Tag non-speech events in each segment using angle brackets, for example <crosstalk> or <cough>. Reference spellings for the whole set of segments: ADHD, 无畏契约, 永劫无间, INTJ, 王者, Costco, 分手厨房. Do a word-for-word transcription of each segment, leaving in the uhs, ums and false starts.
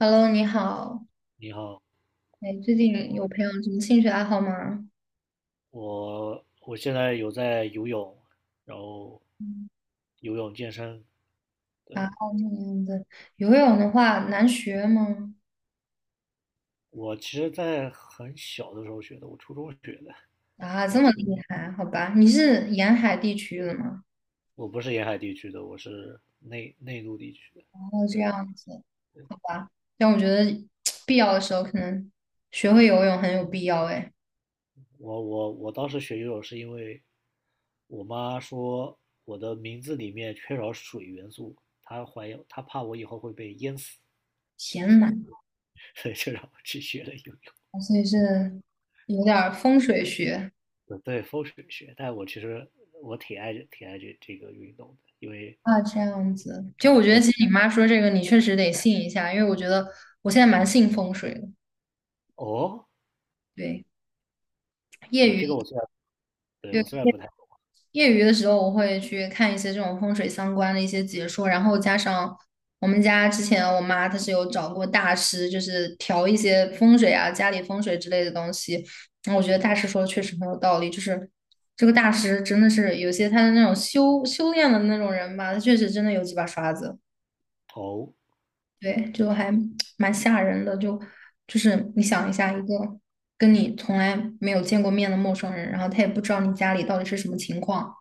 Hello，你好。你好，哎，最近有培养什么兴趣爱好吗？我我现在有在游泳，然后嗯游泳健身。啊，对，那样子，游泳的话难学吗？我其实，在很小的时候学的，我初中学的。啊，我这么初厉害，好吧？你是沿海地区的吗？我不是沿海地区的，我是内内陆地区的。哦，这对，样子，好吧。但我觉得 <tsk> 必要的时候可能学会游泳很有必要。哎，我我我当时学游泳是因为我妈说我的名字里面缺少水元素，她怀疑她怕我以后会被淹死，天呐，<laughs> 所以就让我去学了游泳。所以是有点儿风水学对，对，风水学，但我其实我挺爱挺爱这这个运动的，因为啊，这样子。其实我觉得，我。其实你妈说这个，你确实得信一下，因为我觉得我现在蛮信风水的。哦，对，业对，余。这个我虽然，对，我对。虽然不太。业余的时候，我会去看一些这种风水相关的一些解说，然后加上我们家之前我妈她是有找过大师，就是调一些风水啊、家里风水之类的东西。然后我觉得大师说的确实很有道理，就是这个大师真的是有些他的那种修修炼的那种人吧，他确实真的有几把刷子，哦，对，就还蛮吓人的。就就是你想一下，一个跟你从来没有见过面的陌生人，然后他也不知道你家里到底是什么情况。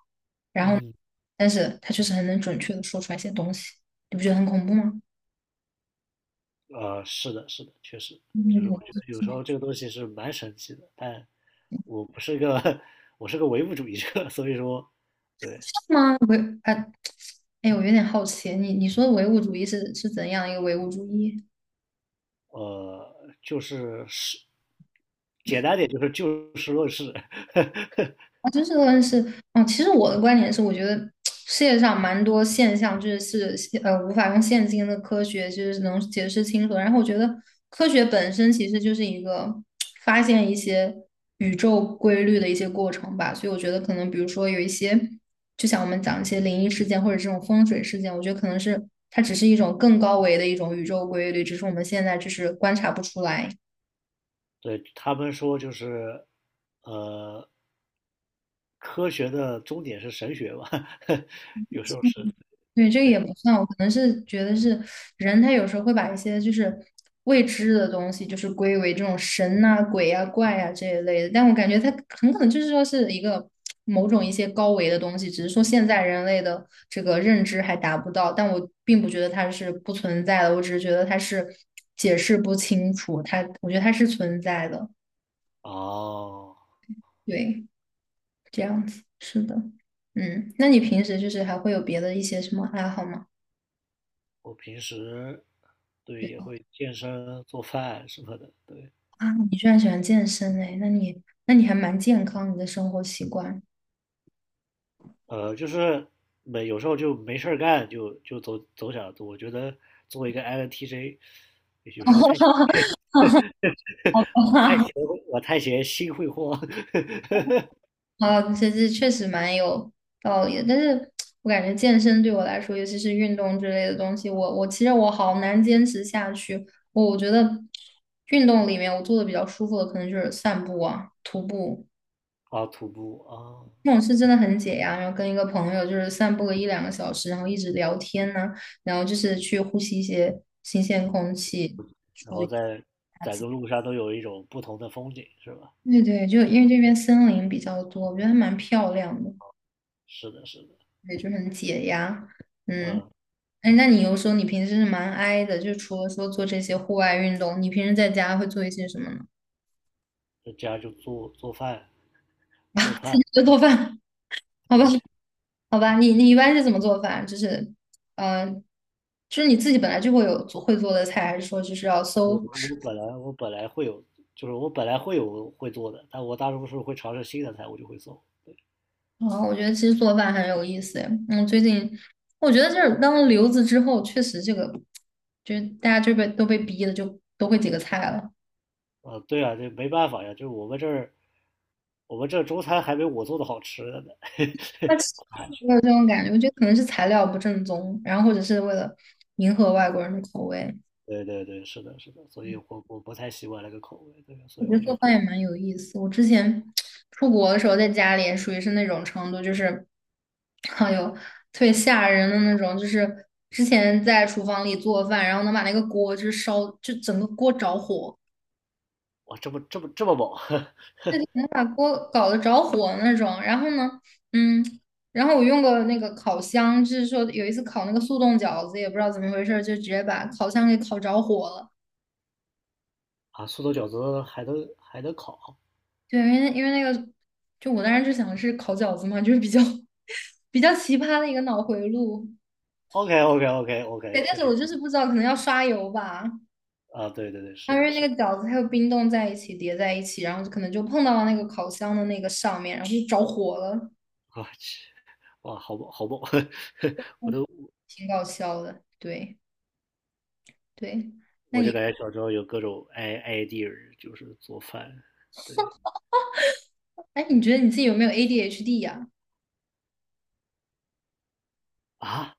然后，嗯，但是他就是很能准确的说出来一些东西，你不觉得很恐怖吗？呃，是的，是的，确实，就是我觉嗯，得有时候这个东西是蛮神奇的，但我不是个 <laughs> 我是个唯物主义者，所以说，对，是吗？维啊，哎，我有点好奇，你你说的唯物主义是是怎样一个唯物主义？呃，就是是简单点就是就事论事，<laughs> 啊，就是论人是，嗯，其实我的观点是，我觉得 <tsk> 世界上蛮多现象就是是呃无法用现今的科学就是能解释清楚的。然后我觉得科学本身其实就是一个 <tsk> 发现一些宇宙规律的一些过程吧。所以我觉得可能比如说有一些，就像我们讲一些灵异事件或者这种风水事件，我觉得可能是它只是一种更高维的一种宇宙规律，只是我们现在就是观察不出来。对他们说就是，呃，科学的终点是神学吧？<laughs> 有时候是，对，这个对。也不算，我可能是觉得是人，他有时候会把一些就是未知的东西，就是归为这种神呐、鬼呀、怪呀、这一类的。但我感觉他很可能就是说是一个某种一些高维的东西，只是说现在人类的这个认知还达不到。但我并不觉得它是不存在的，我只是觉得它是解释不清楚，它我觉得它是存在的。哦，对，这样子，是的，嗯，那你平时就是还会有别的一些什么爱好吗？我平时，对，也会健身、做饭什么的，对，啊，你居然喜欢健身哎，那你那你还蛮健康，你的生活习惯。呃，就是没有时候就没事儿干，就就走走点儿我觉得作为一个 I N T J，有时候太 <laughs> 好 <laughs> 我太吧，闲，我太闲心会慌 <laughs> 啊，这这确实蛮有道理的，但是我感觉健身对我来说，尤其是运动之类的东西，我我其实我好难坚持下去。我我觉得运动里面我做的比较舒服的，可能就是散步啊、徒步啊，徒步啊，那种是真的很解压。然后跟一个朋友就是散步个一两个小时，然后一直聊天呢、然后就是去呼吸一些新鲜空气。然补后一在下在个路上都有一种不同的风景，是吧？对对，就因为这边森林比较多，我觉得还蛮漂亮的，是的，是的，对，就很解压。嗯，嗯，哎，那你又说你平时是蛮 i 的，就除了说做这些户外运动，你平时在家会做一些什么呢？在家就做做饭。做饭，<laughs> 就做饭，好吧，嗯，好吧，你你一般是怎么做饭？就是，嗯，就是你自己本来就会有做会做的菜，还是说就是要我搜？我本来我本来会有，就是我本来会有会做的，但我大多数会尝试新的菜，我就会做。对，哦，我觉得其实做饭很有意思诶。嗯，最近我觉得就是当了留子之后，确实这个就是大家就被都被逼的就都会几个菜了。啊，对啊，这没办法呀，就是我们这儿，我们这儿中餐还没我做的好吃的呢。<laughs> 那其实我有这种感觉，我觉得可能是材料不正宗，然后或者是为了迎合外国人的口味。对对对，是的，是的，所以我我不太习惯那个口味，对啊，所我以觉得我就。做饭也蛮有意思。我之前出国的时候，在家里也属于是那种程度，就是哎呦，特别吓人的那种，就是之前在厨房里做饭，然后能把那个锅就是烧，就整个锅着火。哇，这么这么这么猛 <laughs> 能把锅搞得着火那种。然后呢，嗯，然后我用过那个烤箱，就是说有一次烤那个速冻饺子，也不知道怎么回事儿，就直接把烤箱给烤着火了。啊！素冻饺子还能还能烤对，因为因为那个，就我当时就想的是烤饺子嘛，就是比较 <laughs> 比较奇葩的一个脑回路。？OK OK OK OK，对，但确是实。我就是不知道，可能要刷油吧。啊，对对对，它是因的，为那是个的，饺子还有冰冻在一起叠在一起，然后就可能就碰到了那个烤箱的那个上面，然后就着火了，我去，哇，好猛好猛！<laughs> 挺搞笑的。对对，那我就你？感觉小时候有各种 i idea，就是做饭。对哎，你觉得你自己有没有 A D H D 呀、啊，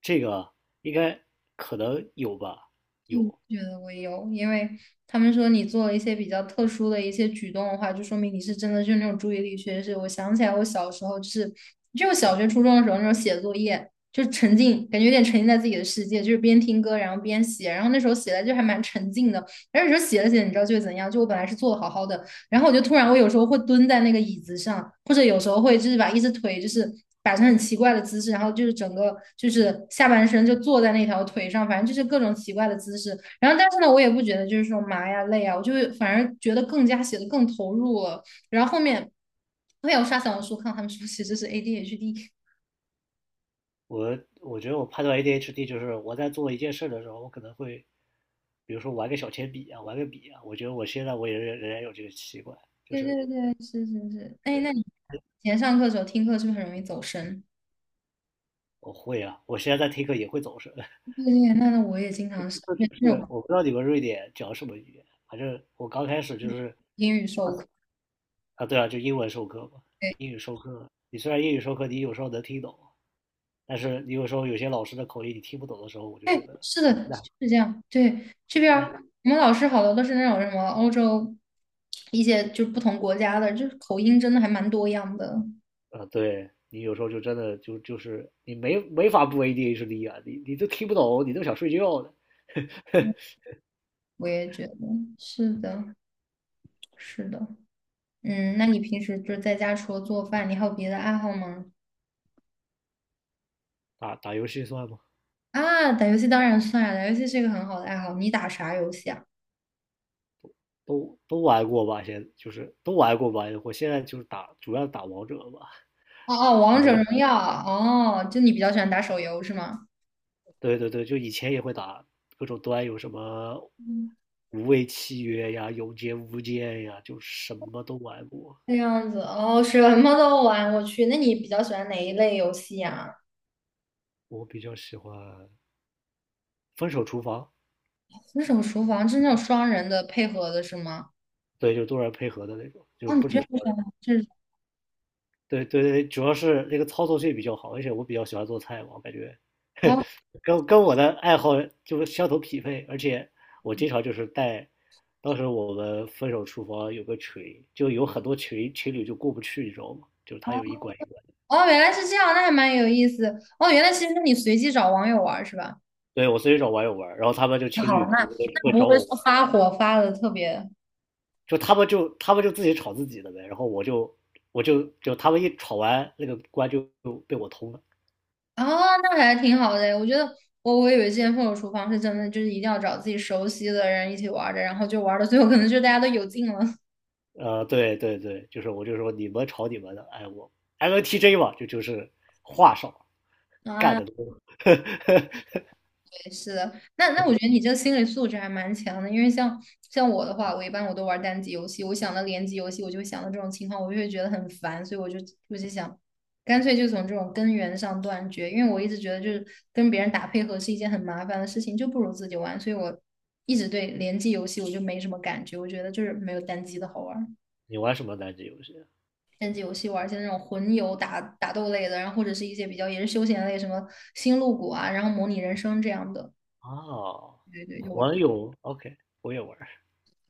这个应该可能有吧，就有。觉得我有，因为他们说你做了一些比较特殊的一些举动的话，就说明你是真的就是那种注意力缺失。我想起来，我小时候就是就我小学、初中的时候那种写作业，就沉浸，感觉有点沉浸在自己的世界，就是边听歌然后边写，然后那时候写的就还蛮沉浸的。然后有时候写着写着，你知道就会怎样？就我本来是做的好好的，然后我就突然，我有时候会蹲在那个椅子上，或者有时候会就是把一只腿就是摆成很奇怪的姿势，然后就是整个就是下半身就坐在那条腿上，反正就是各种奇怪的姿势。然后但是呢，我也不觉得就是说麻呀累啊，我就会反而觉得更加写的更投入了。然后后面后面我有刷小红书看他们说其实是 A D H D，我我觉得我判断 A D H D 就是我在做一件事的时候，我可能会，比如说玩个小铅笔啊，玩个笔啊。我觉得我现在我也仍然有这个习惯，就对是。对对，是是是。哎，那你对，以前上课的时候听课是不是很容易走神？我会啊，我现在在听课也会走神。对对，那那我也经常是 <laughs> 就那是种我不知道你们瑞典讲什么语言，反正我刚开始就是。英语授课。啊，对啊，就英文授课嘛，英语授课，你虽然英语授课你有时候能听懂，但是你有时候有些老师的口音你听不懂的时候，我就觉对，得。是的，那就那是这样。对，这边那儿我们老师好多都是那种什么欧洲一些就是不同国家的，就是口音真的还蛮多样的。啊，对，你有时候就真的就就是你没没法不 A D H D 啊，你你都听不懂，你都想睡觉的。我也觉得是的，是的。嗯，那你平时就是在家除了做饭，你还有别的爱好吗？打打游戏算吗？啊，打游戏当然算啊，打游戏是一个很好的爱好。你打啥游戏啊？都都玩过吧，现就是都玩过吧。我现在就是打，主要打王者吧。哦哦，然王者后荣耀。哦，就你比较喜欢打手游是吗？对对对，就以前也会打各种端，游，什么嗯，无畏契约呀、永劫无间呀，就什么都玩过。这样子。哦，什么都玩，我去。那你比较喜欢哪一类游戏呀、我比较喜欢分手厨房，那种厨房是那种双人的配合的是吗？对，就多人配合的那种，就哦，你不这止个双人。是对对对，主要是那个操作性比较好，而且我比较喜欢做菜嘛，我感觉 哦 <laughs> 跟跟我的爱好就是相同匹配，而且我经常就是带。当时我们分手厨房有个群，就有很多群情侣就过不去，你知道吗？就是哦他有一关一关。哦，原来是这样，那还蛮有意思。哦，原来其实是你随机找网友玩儿是吧？对，我随找网友玩，然后他们就那情好，侣那那会不找会我玩，说发火发的特别就他们就他们就自己吵自己的呗，然后我就我就就他们一吵完，那个关就被我通了。啊、那还挺好的。我觉得我我以为之前分手厨房是真的，就是一定要找自己熟悉的人一起玩儿的，然后就玩儿到最后可能就大家都有劲了呃，对对对，就是我就说你们吵你们的，哎我 m N t j 嘛，就就是话少干啊。的多。<laughs> 是的，那那我觉得你这个心理素质还蛮强的，因为像像我的话，我一般我都玩单机游戏，我想到联机游戏，我就会想到这种情况，我就会觉得很烦，所以我就我就想，干脆就从这种根源上断绝，因为我一直觉得就是跟别人打配合是一件很麻烦的事情，就不如自己玩，所以我一直对联机游戏我就没什么感觉，我觉得就是没有单机的好玩儿你玩什么单机游戏单机游戏玩一些那种魂游打打斗类的，然后或者是一些比较也是休闲类，什么星露谷啊，然后模拟人生这样的，啊？哦，对对，就玩。魂游，OK，我也玩。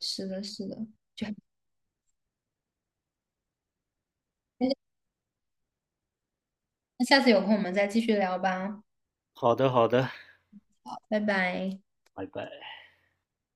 是的，是的，就还那下次有空我们再继续聊吧，好的好的，好拜拜。拜拜。